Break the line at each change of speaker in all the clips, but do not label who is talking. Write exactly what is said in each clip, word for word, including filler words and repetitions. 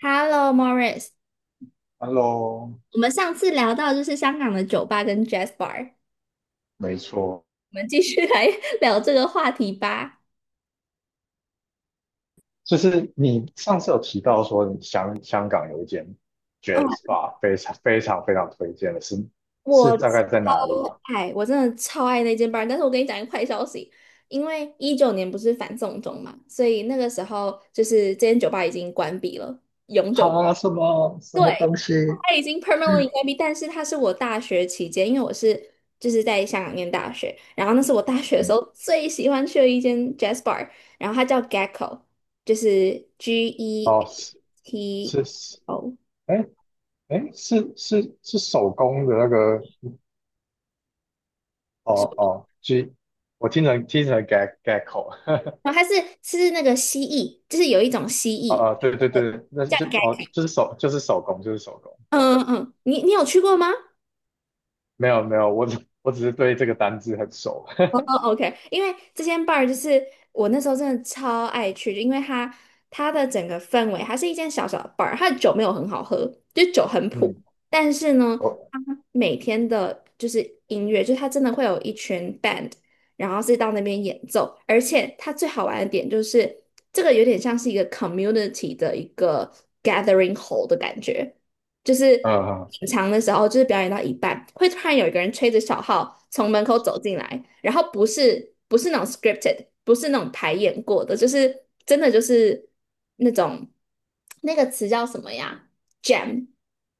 Hello, Morris。
Hello，
我们上次聊到就是香港的酒吧跟 Jazz Bar，
没错，
我们继续来 聊这个话题吧。
就是你上次有提到说你香香港有一间
哦，
Jazz Bar 非常非常非常推荐的是，是
我超
大概在哪里啊？
爱，我真的超爱那间 bar。但是我跟你讲一个坏消息，因为一九年不是反送中嘛，所以那个时候就是这间酒吧已经关闭了，永久关
哈，什么什么
对，
东西？
它已经 permanently 关闭，但是它是我大学期间，因为我是就是在香港念大学，然后那是我大学的时
嗯，
候最喜欢去的一间 jazz bar，然后它叫 Gecko，就是 G E
哦，是
T
是是，
O，
哎哎，是是是手工的那个，哦哦，G，我听成听成 gag g a 口，
然后它是是那个蜥蜴，就是有一种蜥
哦
蜴
哦，对对对，那
叫
就哦
Gecko，
就是手就是手工就是手工，对，
嗯嗯嗯，你你有去过吗？
没有没有，我只我只是对这个单字很熟，
哦，OK，因为这间 bar 就是我那时候真的超爱去，因为它它的整个氛围，它是一间小小的 bar，它的酒没有很好喝，就酒很 普，
嗯。
但是呢，
我。
它每天的就是音乐，就是它真的会有一群 band，然后是到那边演奏，而且它最好玩的点就是这个有点像是一个 community 的一个 gathering hole 的感觉。就是
嗯嗯，
品尝的时候，就是表演到一半，会突然有一个人吹着小号从门口走进来，然后不是不是那种 scripted，不是那种排演过的，就是真的就是那种那个词叫什么呀？jam，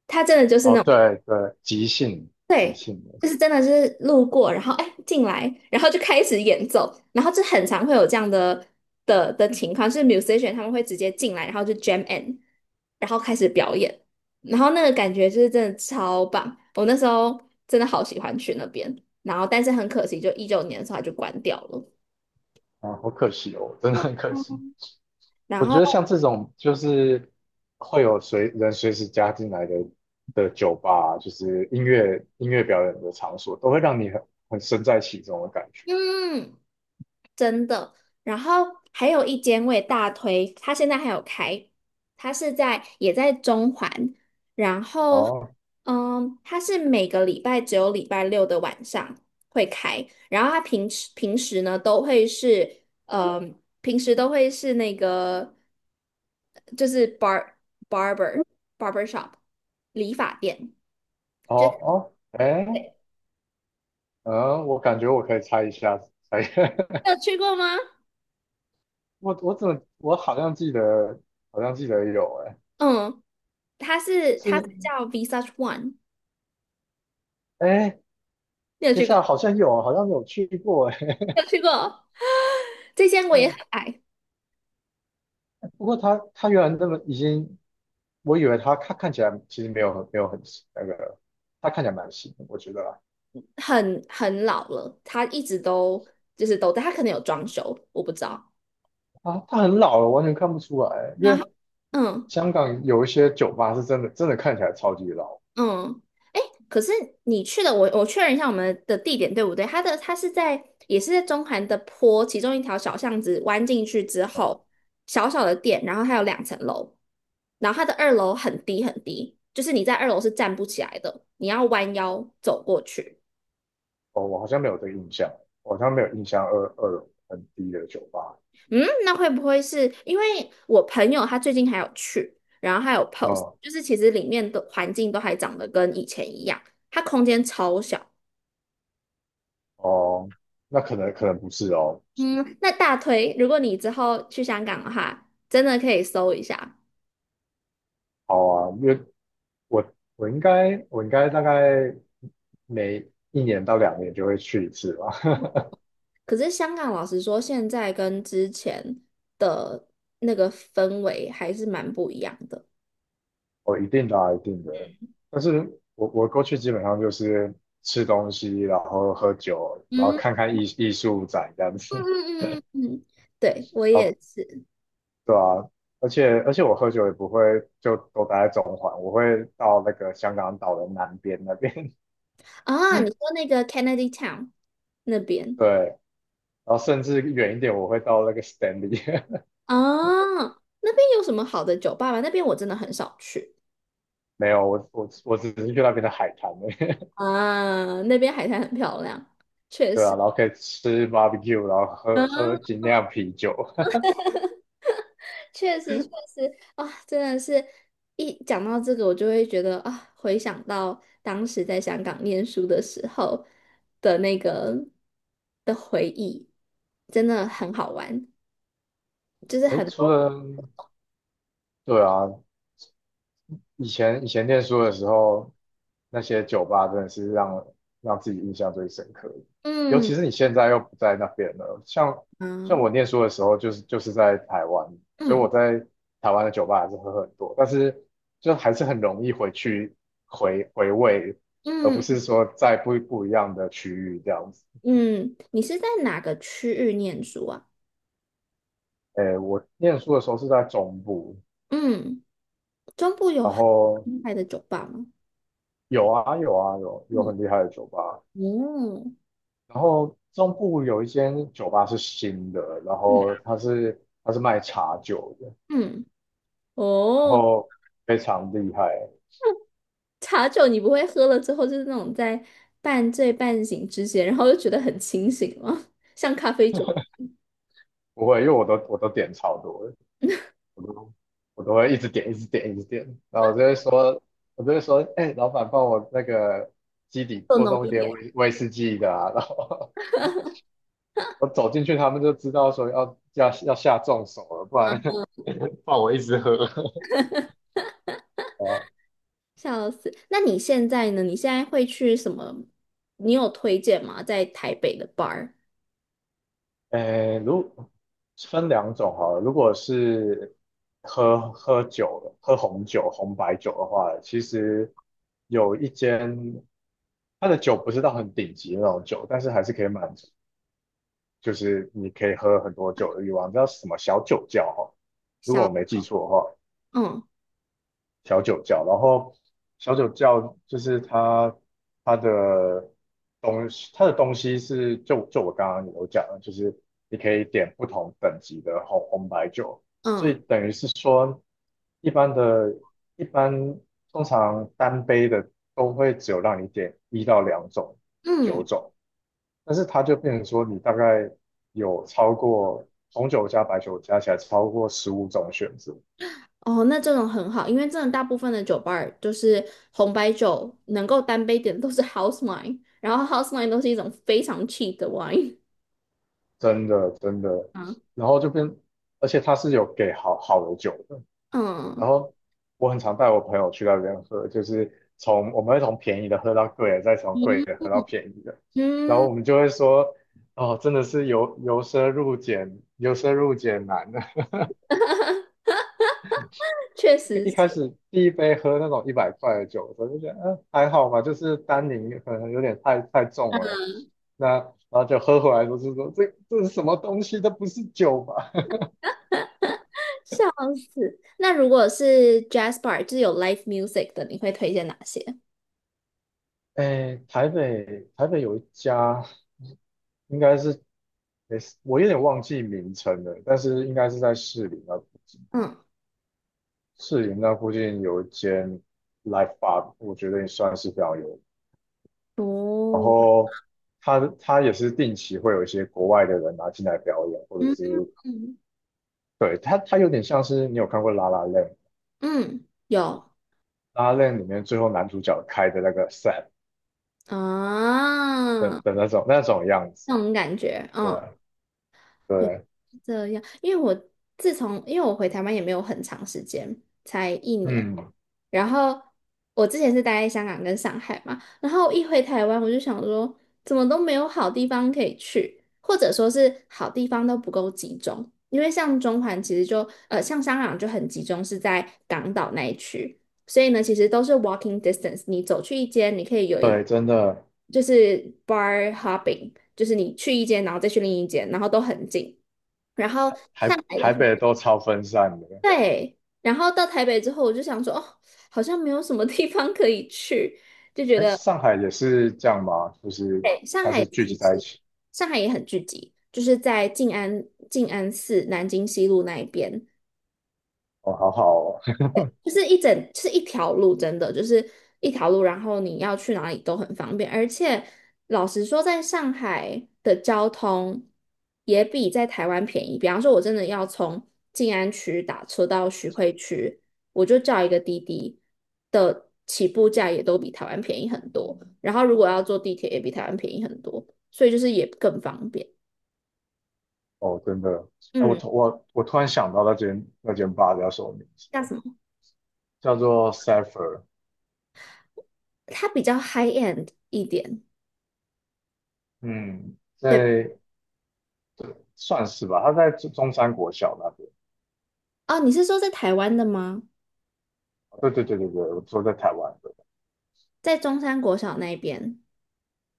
它真的就是
哦，
那种。
对对，即兴即
对，
兴的，
就是真的就是路过，然后哎进来，然后就开始演奏，然后就很常会有这样的的的情况，就是 musician 他们会直接进来，然后就 jam in，然后开始表演，然后那个感觉就是真的超棒，我那时候真的好喜欢去那边，然后但是很可惜，就一九年的时候它就关掉了，
啊，好可惜哦，真的很可惜。
然
我觉得
后
像这种就是会有随人随时加进来的的酒吧啊，就是音乐音乐表演的场所，都会让你很很身在其中的感觉。
嗯。真的。然后还有一间我也大推，它现在还有开，它是在也在中环，然后
哦
嗯，它是每个礼拜只有礼拜六的晚上会开，然后它平时平时呢都会是嗯，平时都会是那个就是 bar barber barber shop 理发店，
哦
就
哦，哎，
对，
嗯，我感觉我可以猜一下，猜
你有去过吗？
我我怎么我好像记得，好像记得有，哎，
嗯，它是它是
是，
叫 Visage One，
哎，
你有
等一
去
下，
过？
好像有，好像有去过，哎。
有去过。这间我也很爱，
不过他他原来那么已经，我以为他看看起来其实没有很没有很那个，他看起来蛮新的，我觉得啦
很很老了，它一直都就是都在，它可能有装修，我不知道。
啊，他很老了，完全看不出来，因
然
为
后，嗯
香港有一些酒吧是真的真的看起来超级老，
嗯，哎，可是你去的，我我确认一下我们的地点对不对？它的它是在也是在中环的坡其中一条小巷子弯进去之
嗯，
后，小小的店，然后它有两层楼，然后它的二楼很低很低，就是你在二楼是站不起来的，你要弯腰走过去。
哦，我好像没有这个印象，我好像没有印象二二楼很低的酒吧，
嗯，那会不会是因为我朋友他最近还有去，然后还有 post，
嗯，
就是其实里面的环境都还长得跟以前一样，它空间超小。
哦，那可能可能不是哦，
嗯，那大推，如果你之后去香港的话，真的可以搜一下。
好啊，因为我我应该我应该大概每一年到两年就会去一次吧，
可是香港老实说，现在跟之前的那个氛围还是蛮不一样的。
我一定的啊一定的。但是我我过去基本上就是吃东西，然后喝酒，然后
嗯
看看艺艺术展这样
嗯
子。
嗯嗯嗯，嗯对，我
然
也
后
是
对啊，而且而且我喝酒也不会就都待在中环，我会到那个香港岛的南边那边。
啊。你说那个 Kennedy Town 那边。
对，然后甚至远一点，我会到那个 Stanley。
啊，那边有什么好的酒吧吗？那边我真的很少去
没有，我我我只是去那边的海滩而已。
啊，那边海滩很漂亮，确
对啊，
实，
然后可以吃 barbecue，然后喝
嗯，
喝精酿啤酒。
确实确实啊，真的是一讲到这个，我就会觉得啊，回想到当时在香港念书的时候的那个的回忆，真的很好玩，就是
诶，
很
除
多
了对啊，以前以前念书的时候，那些酒吧真的是让让自己印象最深刻的。尤
嗯
其是你现在又不在那边了，像像
嗯
我念书的时候，就是就是在台湾，所以
嗯
我在台湾的酒吧还是喝很多，但是就还是很容易回去回回味，而不
嗯
是说在不不一样的区域这样子。
嗯，你是在哪个区域念书啊？
诶，我念书的时候是在中部，
嗯。中部有
然
很
后
厉害的酒吧吗？
有啊有啊有有
嗯，
很厉害的酒吧，
哦，
然后中部有一间酒吧是新的，然
嗯
后它是它是卖茶酒的，
嗯，
然
哦，
后非常厉害。
茶酒你不会喝了之后就是那种在半醉半醒之间，然后又觉得很清醒吗？像咖啡酒
不会，因为我都我都点超多的，我都我都会一直点，一直点，一直点。然后我就会说，我就会说，哎、老板帮我那个基底
更
多
浓
弄一
一
点
点，
威威士忌的啊。然后 我走进去，他们就知道说要要要下重手了，不然 不然我一直喝。
笑死。那你现在呢？你现在会去什么？你有推荐吗？在台北的 bar？
诶，如分两种哈，如果是喝喝酒的，喝红酒、红白酒的话，其实有一间，它的酒不是到很顶级的那种酒，但是还是可以满足，就是你可以喝很多酒的欲望，叫什么小酒窖哈，如果我没记错的话。
嗯
小酒窖，然后小酒窖就是它它的东西，它的东西，是就就我刚刚有讲的就是你可以点不同等级的红红白酒，所以
嗯
等于是说一般的，一般通常单杯的都会只有让你点一到两种酒
嗯。
种，但是它就变成说你大概有超过红酒加白酒加起来超过十五种选择。
哦，那这种很好，因为真的大部分的酒吧儿就是红白酒能够单杯点的都是 house wine，然后 house wine 都是一种非常 cheap 的 wine
真的真的，
嗯
然后就变，而且他是有给好好的酒的，然
嗯
后我很常带我朋友去那边喝，就是从我们会从便宜的喝到贵的，再从贵
嗯
的喝到便宜的，然后
嗯，
我们就会说，哦，真的是由由奢入俭，由奢入俭难的。
确 实
一一
是，
开始第一杯喝那种一百块的酒，我就觉得，嗯，还好吧，就是单宁可能有点太太重了，那然后就喝回来都是说，这这是什么东西，这不是酒吧？
笑死。那如果是 jazz bar，就是有 live music 的，你会推荐哪些？
哎，台北台北有一家，应该是诶，我有点忘记名称了，但是应该是在市林那
嗯，
士林那附近有一间 Live Bar，我觉得也算是表演。然
哦，
后他他也是定期会有一些国外的人拿进来表演，或者
嗯
是对他他有点像是你有看过《拉拉链》，
嗯，有
拉 l a 里面最后男主角开的那个 set 的
啊，
的那种那种样子，
那种感觉，
对
嗯。也
对，
这样，因为我自从因为我回台湾也没有很长时间，才一年。
嗯，
然后我之前是待在香港跟上海嘛，然后一回台湾我就想说，怎么都没有好地方可以去，或者说是好地方都不够集中。因为像中环其实就呃，像香港就很集中，是在港岛那一区。所以呢，其实都是 walking distance。你走去一间，你可以有一
对，真的
就是 bar hopping，就是你去一间，然后再去另一间，然后都很近。然后上
台
海的
台
话，
北都超分散的。
对。然后到台北之后，我就想说，哦，好像没有什么地方可以去，就觉
哎，
得，
上海也是这样吗？就是
对，上
它
海
是
其
聚集在一
实
起。
上海也很聚集，就是在静安静安寺南京西路那一边，
哦，好好哦，
就是一整，就是一条路，真的就是一条路，然后你要去哪里都很方便，而且老实说，在上海的交通也比在台湾便宜。比方说，我真的要从静安区打车到徐汇区，我就叫一个滴滴的起步价也都比台湾便宜很多，然后如果要坐地铁也比台湾便宜很多，所以就是也更方便。
哦真的。哎，我
嗯，
突我我突然想到那间那间吧叫什么名字
叫
了？
什么？
叫做 s a h e r
它比较 high end 一点，
嗯，
对吧？
在算是吧，它在中中山国小那边。
哦，你是说在台湾的吗？
对对对对对，我说在台湾的。
在中山国小那边，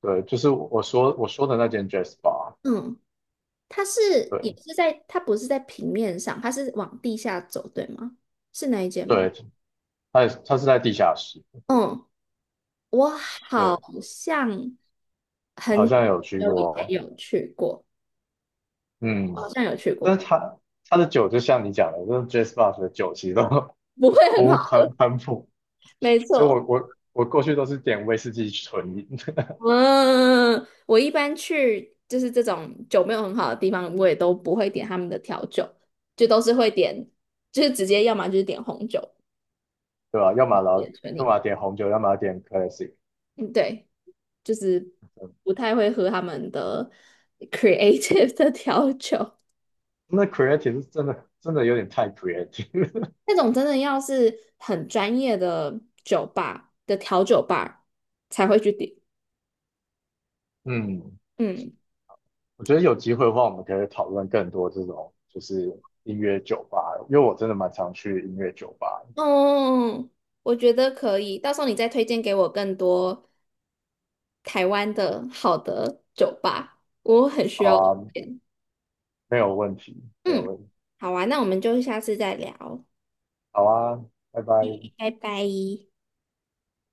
对，就是我我说我说的那间 Jazz Bar。
嗯，它是也
对
是在，它不是在平面上，它是往地下走，对吗？是那一间吗？
对，它也是它是在地下室。
嗯，我好
对，
像很
好像有去
久以
过。
前有去过，好
嗯，
像有去
但
过，
是它它的酒就像你讲的，就是 Jazz Bar 的酒其实都
不会很
不
好，
喷喷普，
没
所以
错。
我我我过去都是点威士忌纯饮，
嗯，我一般去就是这种酒没有很好的地方，我也都不会点他们的调酒，就都是会点，就是直接要么就是点红酒，
对吧？要么然
点
后
纯
要
饮，
么点红酒，要么点 classic。
嗯，对。就是不太会喝他们的 creative 的调酒，
那 creative 是真的真的有点太 creative。
那种真的要是很专业的酒吧的调酒吧才会去点。
嗯，
嗯，
我觉得有机会的话，我们可以讨论更多这种就是音乐酒吧，因为我真的蛮常去音乐酒吧。
哦，我觉得可以，到时候你再推荐给我更多台湾的好的酒吧，我很需
好
要推
啊，
荐。
没有问题，没有
嗯，
问题。
好啊，那我们就下次再聊，
好啊，拜拜。
拜拜。